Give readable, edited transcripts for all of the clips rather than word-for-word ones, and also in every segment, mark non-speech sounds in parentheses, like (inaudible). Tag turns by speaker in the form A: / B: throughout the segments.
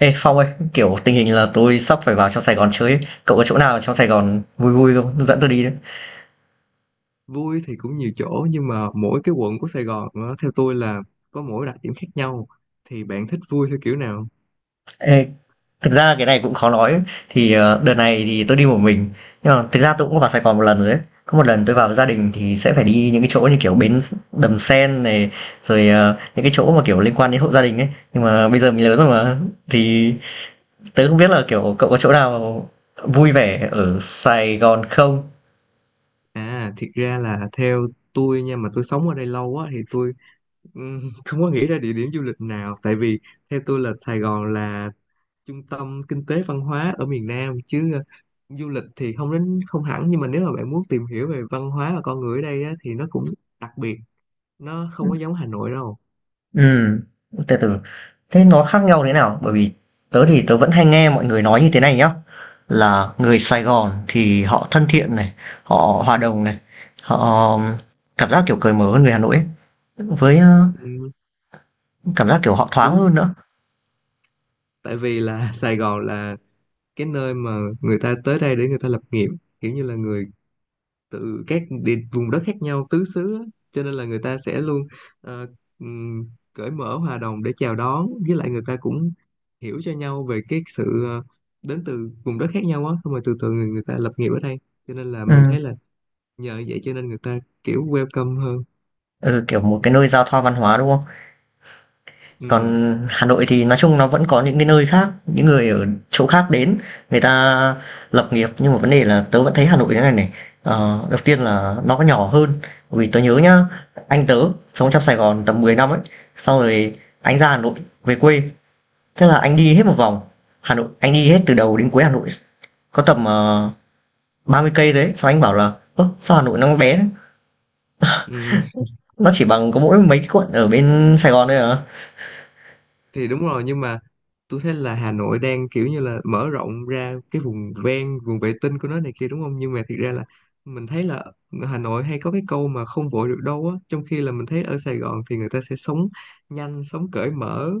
A: Ê Phong ơi, kiểu tình hình là tôi sắp phải vào trong Sài Gòn chơi ấy. Cậu có chỗ nào trong Sài Gòn vui vui không? Dẫn tôi đi đấy.
B: Vui thì cũng nhiều chỗ, nhưng mà mỗi cái quận của Sài Gòn nó theo tôi là có mỗi đặc điểm khác nhau. Thì bạn thích vui theo kiểu nào?
A: Ê, thực ra cái này cũng khó nói. Ấy. Thì đợt này thì tôi đi một mình. Nhưng mà thực ra tôi cũng có vào Sài Gòn một lần rồi ấy. Có một lần tôi vào với gia đình thì sẽ phải đi những cái chỗ như kiểu bến Đầm Sen này, rồi những cái chỗ mà kiểu liên quan đến hộ gia đình ấy. Nhưng mà bây giờ mình lớn rồi mà. Thì tớ không biết là kiểu cậu có chỗ nào vui vẻ ở Sài Gòn không?
B: À, thiệt ra là theo tôi nha, mà tôi sống ở đây lâu á thì tôi (laughs) không có nghĩ ra địa điểm du lịch nào, tại vì theo tôi là Sài Gòn là trung tâm kinh tế văn hóa ở miền Nam, chứ du lịch thì không đến không hẳn. Nhưng mà nếu mà bạn muốn tìm hiểu về văn hóa và con người ở đây á, thì nó cũng đặc biệt, nó không có giống Hà Nội đâu.
A: Ừ, từ từ, thế nó khác nhau thế nào? Bởi vì tớ vẫn hay nghe mọi người nói như thế này nhá, là người Sài Gòn thì họ thân thiện này, họ hòa đồng này, họ um, cảm giác kiểu cởi mở hơn người Hà Nội ấy, với, ơ,
B: Ừm,
A: cảm giác kiểu họ thoáng
B: đúng.
A: hơn nữa.
B: Tại vì là (laughs) Sài Gòn là cái nơi mà người ta tới đây để người ta lập nghiệp, kiểu như là người từ các vùng đất khác nhau tứ xứ á. Cho nên là người ta sẽ luôn ờ, cởi mở hòa đồng để chào đón, với lại người ta cũng hiểu cho nhau về cái sự đến từ vùng đất khác nhau á. Xong rồi từ từ người ta lập nghiệp ở đây, cho nên là mình
A: Ừm,
B: thấy là nhờ vậy cho nên người ta kiểu welcome hơn.
A: ừ, kiểu một cái nơi giao thoa văn hóa, đúng không?
B: Ừ.
A: Còn Hà Nội thì nói chung nó vẫn có những cái nơi khác, những người ở chỗ khác đến, người ta lập nghiệp nhưng mà vấn đề là tớ vẫn thấy Hà Nội thế này này. Ờ, đầu tiên là nó có nhỏ hơn, vì tớ nhớ nhá, anh tớ sống trong Sài Gòn tầm 10 năm ấy, sau rồi anh ra Hà Nội về quê, thế là anh đi hết một vòng Hà Nội, anh đi hết từ đầu đến cuối Hà Nội, có tầm 30 cây đấy, sau anh bảo là: "Ơ, sao Hà Nội nó bé thế?
B: Ừ.
A: Nó chỉ bằng có mỗi mấy quận ở bên Sài Gòn thôi à."
B: Thì đúng rồi, nhưng mà tôi thấy là Hà Nội đang kiểu như là mở rộng ra cái vùng ven, vùng vệ tinh của nó này kia, đúng không? Nhưng mà thiệt ra là mình thấy là Hà Nội hay có cái câu mà không vội được đâu á, trong khi là mình thấy ở Sài Gòn thì người ta sẽ sống nhanh, sống cởi mở.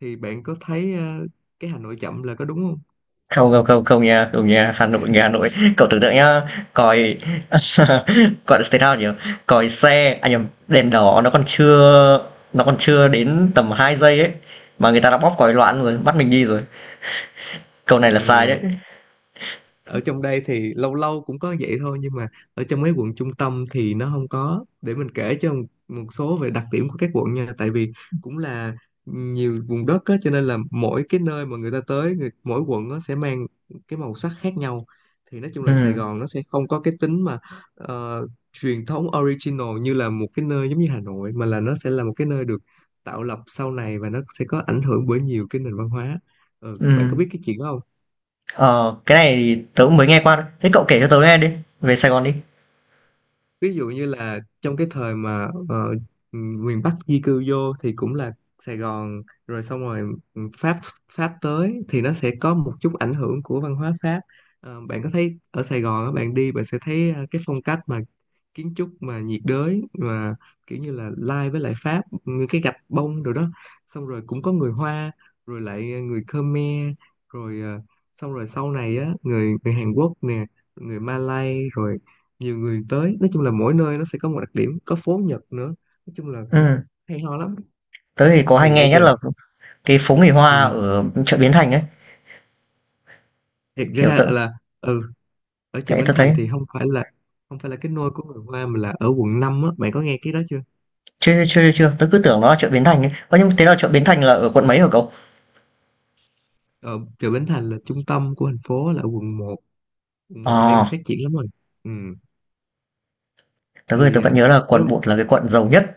B: Thì bạn có thấy cái Hà Nội chậm là có đúng không?
A: Không, không, không, không nha, không nha, Hà Nội, người Hà Nội. Cậu tưởng tượng nhá, còi (laughs) gọi là thế nào nhỉ? Còi xe, à nhầm, đèn đỏ nó còn chưa đến tầm 2 giây ấy mà người ta đã bóp còi loạn rồi, bắt mình đi rồi. Câu này là sai
B: Ừ,
A: đấy.
B: ở trong đây thì lâu lâu cũng có vậy thôi, nhưng mà ở trong mấy quận trung tâm thì nó không có. Để mình kể cho một số về đặc điểm của các quận nha, tại vì cũng là nhiều vùng đất á, cho nên là mỗi cái nơi mà người ta tới người, mỗi quận nó sẽ mang cái màu sắc khác nhau. Thì nói chung là Sài
A: Ừm,
B: Gòn nó sẽ không có cái tính mà ờ, truyền thống, original như là một cái nơi giống như Hà Nội, mà là nó sẽ là một cái nơi được tạo lập sau này và nó sẽ có ảnh hưởng bởi nhiều cái nền văn hóa. Ờ, bạn có
A: ừm.
B: biết cái chuyện đó?
A: Ờ, cái này thì tớ cũng mới nghe qua thôi. Thế cậu kể cho tớ nghe đi, về Sài Gòn đi.
B: Ví dụ như là trong cái thời mà miền Bắc di cư vô thì cũng là Sài Gòn. Rồi xong rồi Pháp Pháp tới thì nó sẽ có một chút ảnh hưởng của văn hóa Pháp. Ờ, bạn có thấy ở Sài Gòn á, bạn đi bạn sẽ thấy cái phong cách mà kiến trúc mà nhiệt đới mà kiểu như là lai với lại Pháp, như cái gạch bông rồi đó. Xong rồi cũng có người Hoa, rồi lại người Khmer, rồi xong rồi sau này á người người Hàn Quốc nè, người Malay, rồi nhiều người tới. Nói chung là mỗi nơi nó sẽ có một đặc điểm, có phố Nhật nữa. Nói chung là cũng
A: Ừm,
B: hay ho lắm.
A: tớ thì có hay
B: Thì nãy
A: nghe nhất
B: giờ
A: là cái phố người Hoa
B: ừ,
A: ở chợ Bến Thành ấy,
B: thiệt
A: kiểu
B: ra
A: tớ
B: là ừ, ở chợ
A: thế
B: Bến
A: tớ thấy
B: Thành thì không phải là cái nôi của người Hoa, mà là ở quận 5 á. Bạn có nghe cái đó chưa?
A: chưa chưa chưa chưa, tớ cứ tưởng nó là chợ Bến Thành ấy. Ơ nhưng thế là chợ Bến Thành là ở quận mấy hả cậu?
B: Ở chợ Bến Thành là trung tâm của thành phố, là ở quận 1. quận 1 thì đang
A: Ờ,
B: phát triển lắm rồi. Ừ.
A: tớ ơi, tớ
B: Thì
A: vẫn
B: à,
A: nhớ là
B: nếu
A: quận bột là cái quận giàu nhất.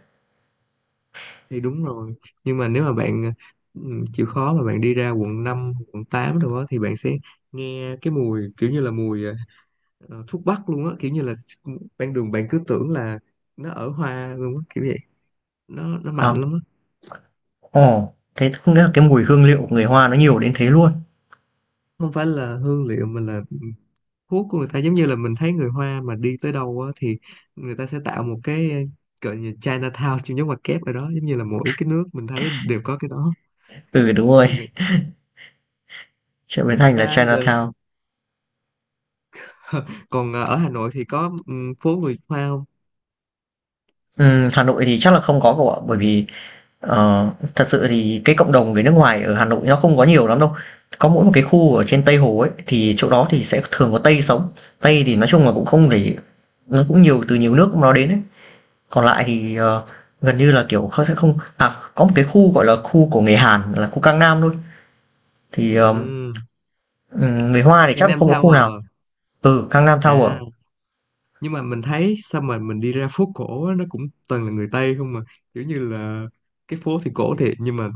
B: thì đúng rồi, nhưng mà nếu mà bạn ừ, chịu khó mà bạn đi ra quận 5, quận 8 rồi đó, thì bạn sẽ nghe cái mùi kiểu như là mùi thuốc bắc luôn á, kiểu như là ban đường bạn cứ tưởng là nó ở hoa luôn á kiểu vậy. Nó mạnh
A: Ờ,
B: lắm á.
A: ồ, thế không nghĩa là cái mùi hương liệu của người Hoa nó nhiều đến thế luôn.
B: Không phải là hương liệu, mà là thuốc của người ta. Giống như là mình thấy người hoa mà đi tới đâu á, thì người ta sẽ tạo một cái gọi như Chinatown trong giống ngoặc kép ở đó, giống như là mỗi cái nước mình thấy đều có cái đó.
A: Ừ, đúng rồi.
B: Thì
A: Chợ Bến
B: người
A: Thành là
B: ta gọi là-
A: Chinatown.
B: (laughs) còn ở Hà Nội thì có, ừ, phố người Hoa không?
A: Hà Nội thì chắc là không có cậu ạ, bởi vì ờ, thật sự thì cái cộng đồng người nước ngoài ở Hà Nội nó không có nhiều lắm đâu. Có mỗi một cái khu ở trên Tây Hồ ấy, thì chỗ đó thì sẽ thường có Tây sống. Tây thì nói chung là cũng không để, nó cũng nhiều từ nhiều nước nó đến ấy. Còn lại thì ờ, gần như là kiểuเขาsẽ không, sẽ không à, có một cái khu gọi là khu của người Hàn là khu Cang Nam thôi. Thì ờ,
B: Ừ,
A: Ừ, người Hoa thì chắc là
B: Gangnam
A: không có khu
B: Tower
A: nào.
B: à.
A: Ừ, Gangnam Tower.
B: À. Nhưng mà mình thấy sao mà mình đi ra phố cổ á, nó cũng toàn là người Tây không mà, kiểu như là cái phố thì cổ thiệt, nhưng mà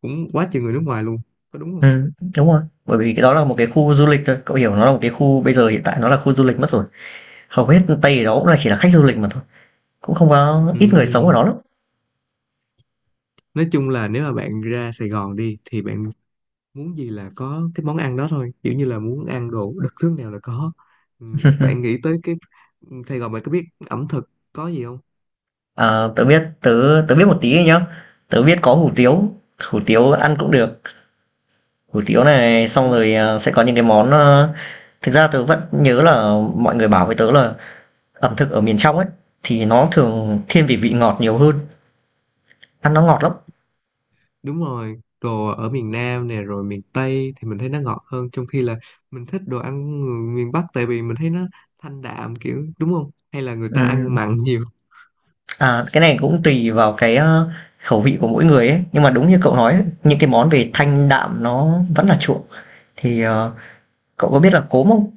B: cũng quá chừng người nước ngoài luôn, có đúng không?
A: Ừ, đúng rồi. Bởi vì cái đó là một cái khu du lịch thôi. Cậu hiểu nó là một cái khu bây giờ hiện tại nó là khu du lịch mất rồi. Hầu hết Tây ở đó cũng là chỉ là khách du lịch mà thôi. Cũng không có ít người sống
B: Ừm,
A: ở đó lắm.
B: nói chung là nếu mà bạn ra Sài Gòn đi thì bạn muốn gì là có cái món ăn đó thôi, kiểu như là muốn ăn đồ đặc trưng nào là có. Bạn nghĩ tới cái Sài Gòn, bạn có biết ẩm thực có gì
A: À, tớ biết tớ tớ biết một tí nhá. Tớ biết có hủ tiếu ăn cũng được. Hủ tiếu này xong
B: không?
A: rồi à, sẽ có những cái món à, thực ra tớ vẫn nhớ là mọi người bảo với tớ là ẩm thực ở miền trong ấy thì nó thường thiên về vị ngọt nhiều hơn, ăn nó ngọt lắm.
B: Đúng rồi, đồ ở miền Nam nè, rồi miền Tây thì mình thấy nó ngọt hơn, trong khi là mình thích đồ ăn người miền Bắc, tại vì mình thấy nó thanh đạm, kiểu đúng không, hay là người ta ăn
A: Ừ,
B: mặn (laughs) nhiều.
A: à, cái này cũng tùy vào cái, ơ, khẩu vị của mỗi người ấy, nhưng mà đúng như cậu nói ấy, những cái món về thanh đạm nó vẫn là chuộng. Thì, ờ, cậu có biết là cốm không?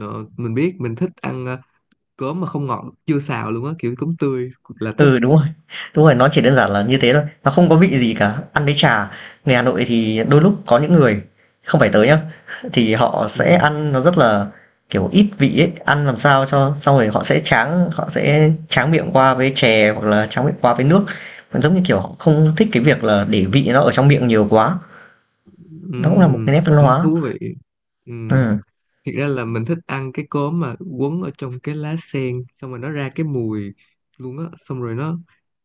B: Ờ, mình biết, mình thích ăn cốm mà không ngọt chưa xào luôn á, kiểu cốm tươi là thích.
A: Ừ, đúng rồi, nó chỉ đơn giản là như thế thôi, nó không có vị gì cả, ăn với trà. Người Hà Nội thì đôi lúc có những người không phải tới nhá, thì họ sẽ
B: Ừ.
A: ăn nó rất là, kiểu, ít vị ấy, ăn làm sao cho xong rồi họ sẽ tráng miệng qua với chè hoặc là tráng miệng qua với nước. Giống như, kiểu, họ không thích cái việc là để vị nó ở trong miệng nhiều quá. Nó cũng là một
B: Ừ,
A: cái nét văn
B: cũng
A: hóa.
B: thú vị. Ừ.
A: Ừm,
B: Thiệt ra là mình thích ăn cái cốm mà quấn ở trong cái lá sen, xong rồi nó ra cái mùi luôn á, xong rồi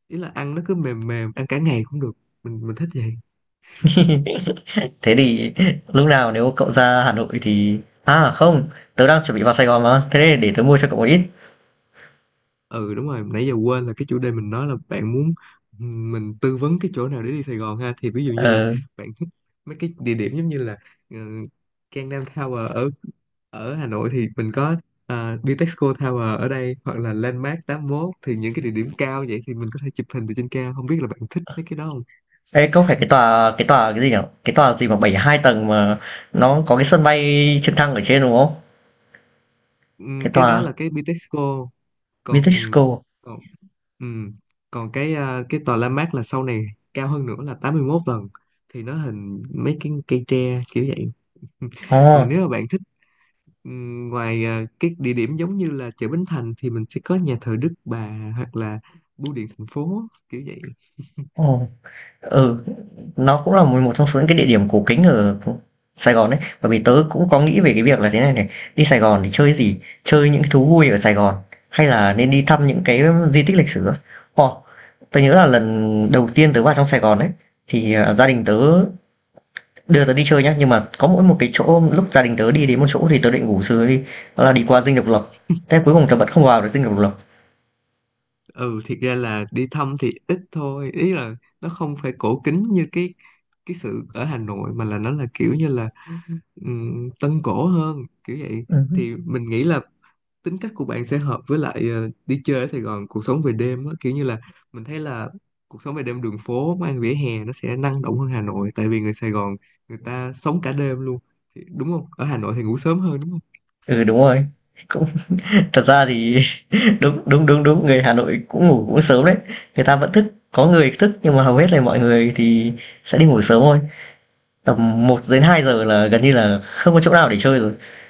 B: ý là ăn nó cứ mềm mềm, ăn cả ngày cũng được. Mình thích vậy.
A: thế thì lúc nào nếu cậu ra Hà Nội thì à, không, tớ đang chuẩn bị vào Sài Gòn mà, thế nên để tớ mua cho cậu một ít.
B: Ừ, đúng rồi, nãy giờ quên là cái chủ đề mình nói là bạn muốn, ừ, mình tư vấn cái chỗ nào để đi Sài Gòn ha. Thì ví dụ như là
A: Ờ,
B: bạn thích mấy cái địa điểm giống như là uh, Gangnam Tower ở ở Hà Nội thì mình có Bitexco Tower ở đây, hoặc là Landmark 81. Thì những cái địa điểm cao vậy thì mình có thể chụp hình từ trên cao, không biết là bạn thích mấy cái đó không?
A: ê, có phải cái tòa cái gì nhỉ? Cái tòa gì mà 72 tầng mà nó có cái sân bay trực thăng ở trên đúng không? Cái
B: Cái đó
A: tòa
B: là cái Bitexco. còn
A: Vitexco.
B: còn ừ. Còn cái cái tòa La Mát là sau này cao hơn nữa là 81 lần, thì nó hình mấy cái cây tre kiểu vậy.
A: Ồ,
B: Còn nếu mà bạn thích ngoài cái địa điểm giống như là chợ Bến Thành, thì mình sẽ có nhà thờ Đức Bà hoặc là bưu điện thành phố kiểu vậy.
A: ồ. Ừ, nó cũng là một một trong số những cái địa điểm cổ kính ở Sài Gòn đấy. Bởi vì tớ cũng có nghĩ về cái việc là thế này này, đi Sài Gòn thì chơi gì? Chơi những cái thú vui ở Sài Gòn hay là nên đi thăm những cái di tích lịch sử á? Ồ, tớ nhớ là lần đầu tiên tớ vào trong Sài Gòn đấy thì, à, gia đình tớ đưa tớ đi chơi nhá, nhưng mà có mỗi một cái chỗ lúc gia đình tớ đi đến một chỗ thì tớ định ngủ sớm đi, đó là đi qua Dinh Độc Lập. Thế cuối cùng tớ vẫn không vào được Dinh Độc Lập.
B: Ừ, thiệt ra là đi thăm thì ít thôi, ý là nó không phải cổ kính như cái sự ở Hà Nội, mà là nó là kiểu như là tân cổ hơn kiểu vậy.
A: Ừm.
B: Thì mình nghĩ là tính cách của bạn sẽ hợp với lại đi chơi ở Sài Gòn, cuộc sống về đêm á, kiểu như là mình thấy là cuộc sống về đêm, đường phố, quán ăn vỉa hè nó sẽ năng động hơn Hà Nội, tại vì người Sài Gòn người ta sống cả đêm luôn. Thì- đúng không, ở Hà Nội thì ngủ sớm hơn đúng không?
A: Ừ, đúng rồi. Cũng (laughs) thật ra thì đúng, đúng, đúng, đúng, người Hà Nội cũng ngủ cũng sớm đấy. Người ta vẫn thức, có người thức nhưng mà hầu hết là mọi người thì sẽ đi ngủ sớm thôi. Tầm 1 đến 2 giờ là gần như là không có chỗ nào để chơi rồi. (laughs)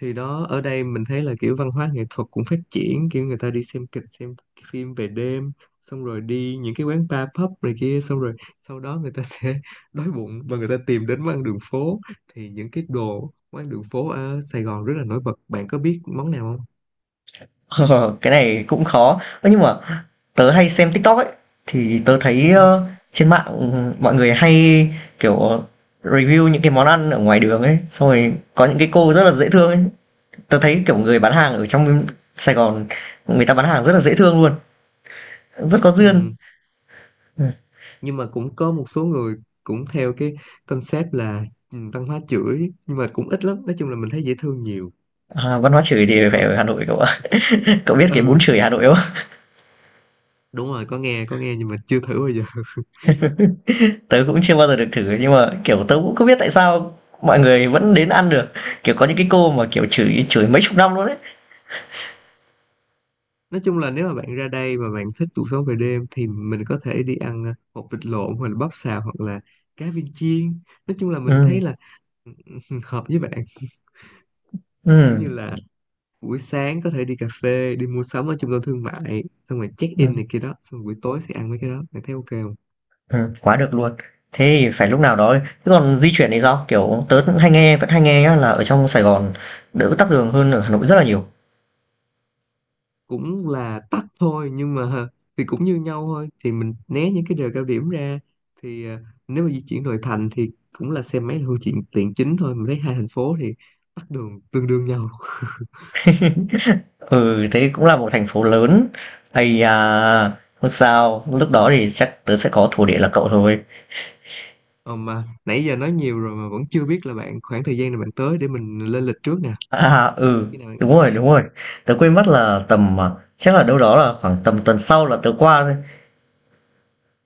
B: Thì đó, ở đây mình thấy là kiểu văn hóa nghệ thuật cũng phát triển, kiểu người ta đi xem kịch, xem phim về đêm, xong rồi đi những cái quán bar pub này kia, xong rồi sau đó người ta sẽ (laughs) đói bụng và người ta tìm đến món ăn đường phố. Thì những cái đồ, món ăn đường phố ở Sài Gòn rất là nổi bật. Bạn có biết món nào không?
A: Ờ, cái này cũng khó. Ơ, nhưng mà tớ hay xem TikTok ấy, thì tớ thấy,
B: Ừ.
A: ơ, trên mạng, mọi người hay, kiểu, review những cái món ăn ở ngoài đường ấy, xong rồi có những cái cô rất là dễ thương ấy. Tớ thấy, kiểu, người bán hàng ở trong Sài Gòn, người ta bán hàng rất là dễ thương luôn, rất có duyên.
B: Ừ.
A: Ờ.
B: Nhưng mà cũng có một số người cũng theo cái concept là, ừ, văn hóa chửi, nhưng mà cũng ít lắm. Nói chung là mình thấy dễ thương nhiều.
A: À, văn hóa chửi
B: Dễ
A: thì phải
B: thương.
A: ở Hà Nội cậu ạ. (laughs) Cậu biết cái bún
B: Ừ,
A: chửi Hà Nội không?
B: đúng rồi, có nghe, có nghe, nhưng mà chưa thử bao giờ.
A: (laughs) Tớ cũng chưa bao giờ được thử nhưng mà kiểu tớ cũng không biết tại sao mọi người vẫn đến ăn được. Kiểu có những cái cô mà kiểu chửi chửi mấy chục năm luôn đấy.
B: Nói chung là nếu mà bạn ra đây mà bạn thích cuộc sống về đêm, thì mình có thể đi ăn hột vịt lộn hoặc là bắp xào hoặc là cá viên chiên. Nói chung là mình
A: Ừ,
B: thấy là (laughs) hợp với bạn. (laughs)
A: ừ,
B: Kiểu như là buổi sáng có thể đi cà phê, đi mua sắm ở trung tâm thương mại, xong rồi check
A: ừ,
B: in này kia đó, xong buổi tối thì ăn mấy cái đó. Bạn thấy ok không?
A: ừ, quá được luôn. Thế thì phải lúc nào đó. Thế còn di chuyển thì sao? Kiểu tớ cũng hay nghe vẫn hay nghe nhá, là ở trong Sài Gòn đỡ tắc đường hơn ở Hà Nội rất là nhiều.
B: Cũng là tắt thôi, nhưng mà (laughs) thì cũng như nhau thôi, thì mình né những cái giờ cao điểm ra. Thì nếu mà di chuyển nội thành thì cũng là xe máy là phương tiện tiện chính thôi. Mình thấy hai thành phố thì tắc đường tương đương nhau.
A: Ừ, thế cũng là một thành phố lớn. Ây à, không sao, lúc đó thì chắc tớ sẽ có thổ địa là cậu thôi.
B: Ờ, mà nãy giờ nói nhiều rồi mà vẫn chưa biết là bạn khoảng thời gian nào bạn tới để mình lên lịch trước nè.
A: À, à, ừ,
B: Khi nào?
A: đúng rồi, đúng rồi. Tớ quên mất là tầm à, chắc là đâu đó là khoảng tầm tuần sau là tớ qua thôi.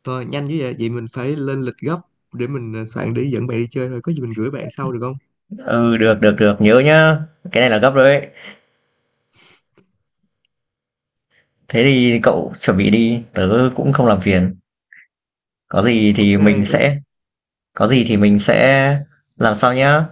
B: Thôi nhanh chứ vậy, mình phải lên lịch gấp, để mình soạn để dẫn bạn đi chơi thôi. Có gì mình gửi bạn sau được không?
A: Ừ, được, được, được, nhớ nhá. Cái này là gấp rồi đấy. Thế thì cậu chuẩn bị đi, tớ cũng không làm phiền. Có gì
B: Ok,
A: thì mình
B: bye bye.
A: sẽ, có gì thì mình sẽ làm sao nhá.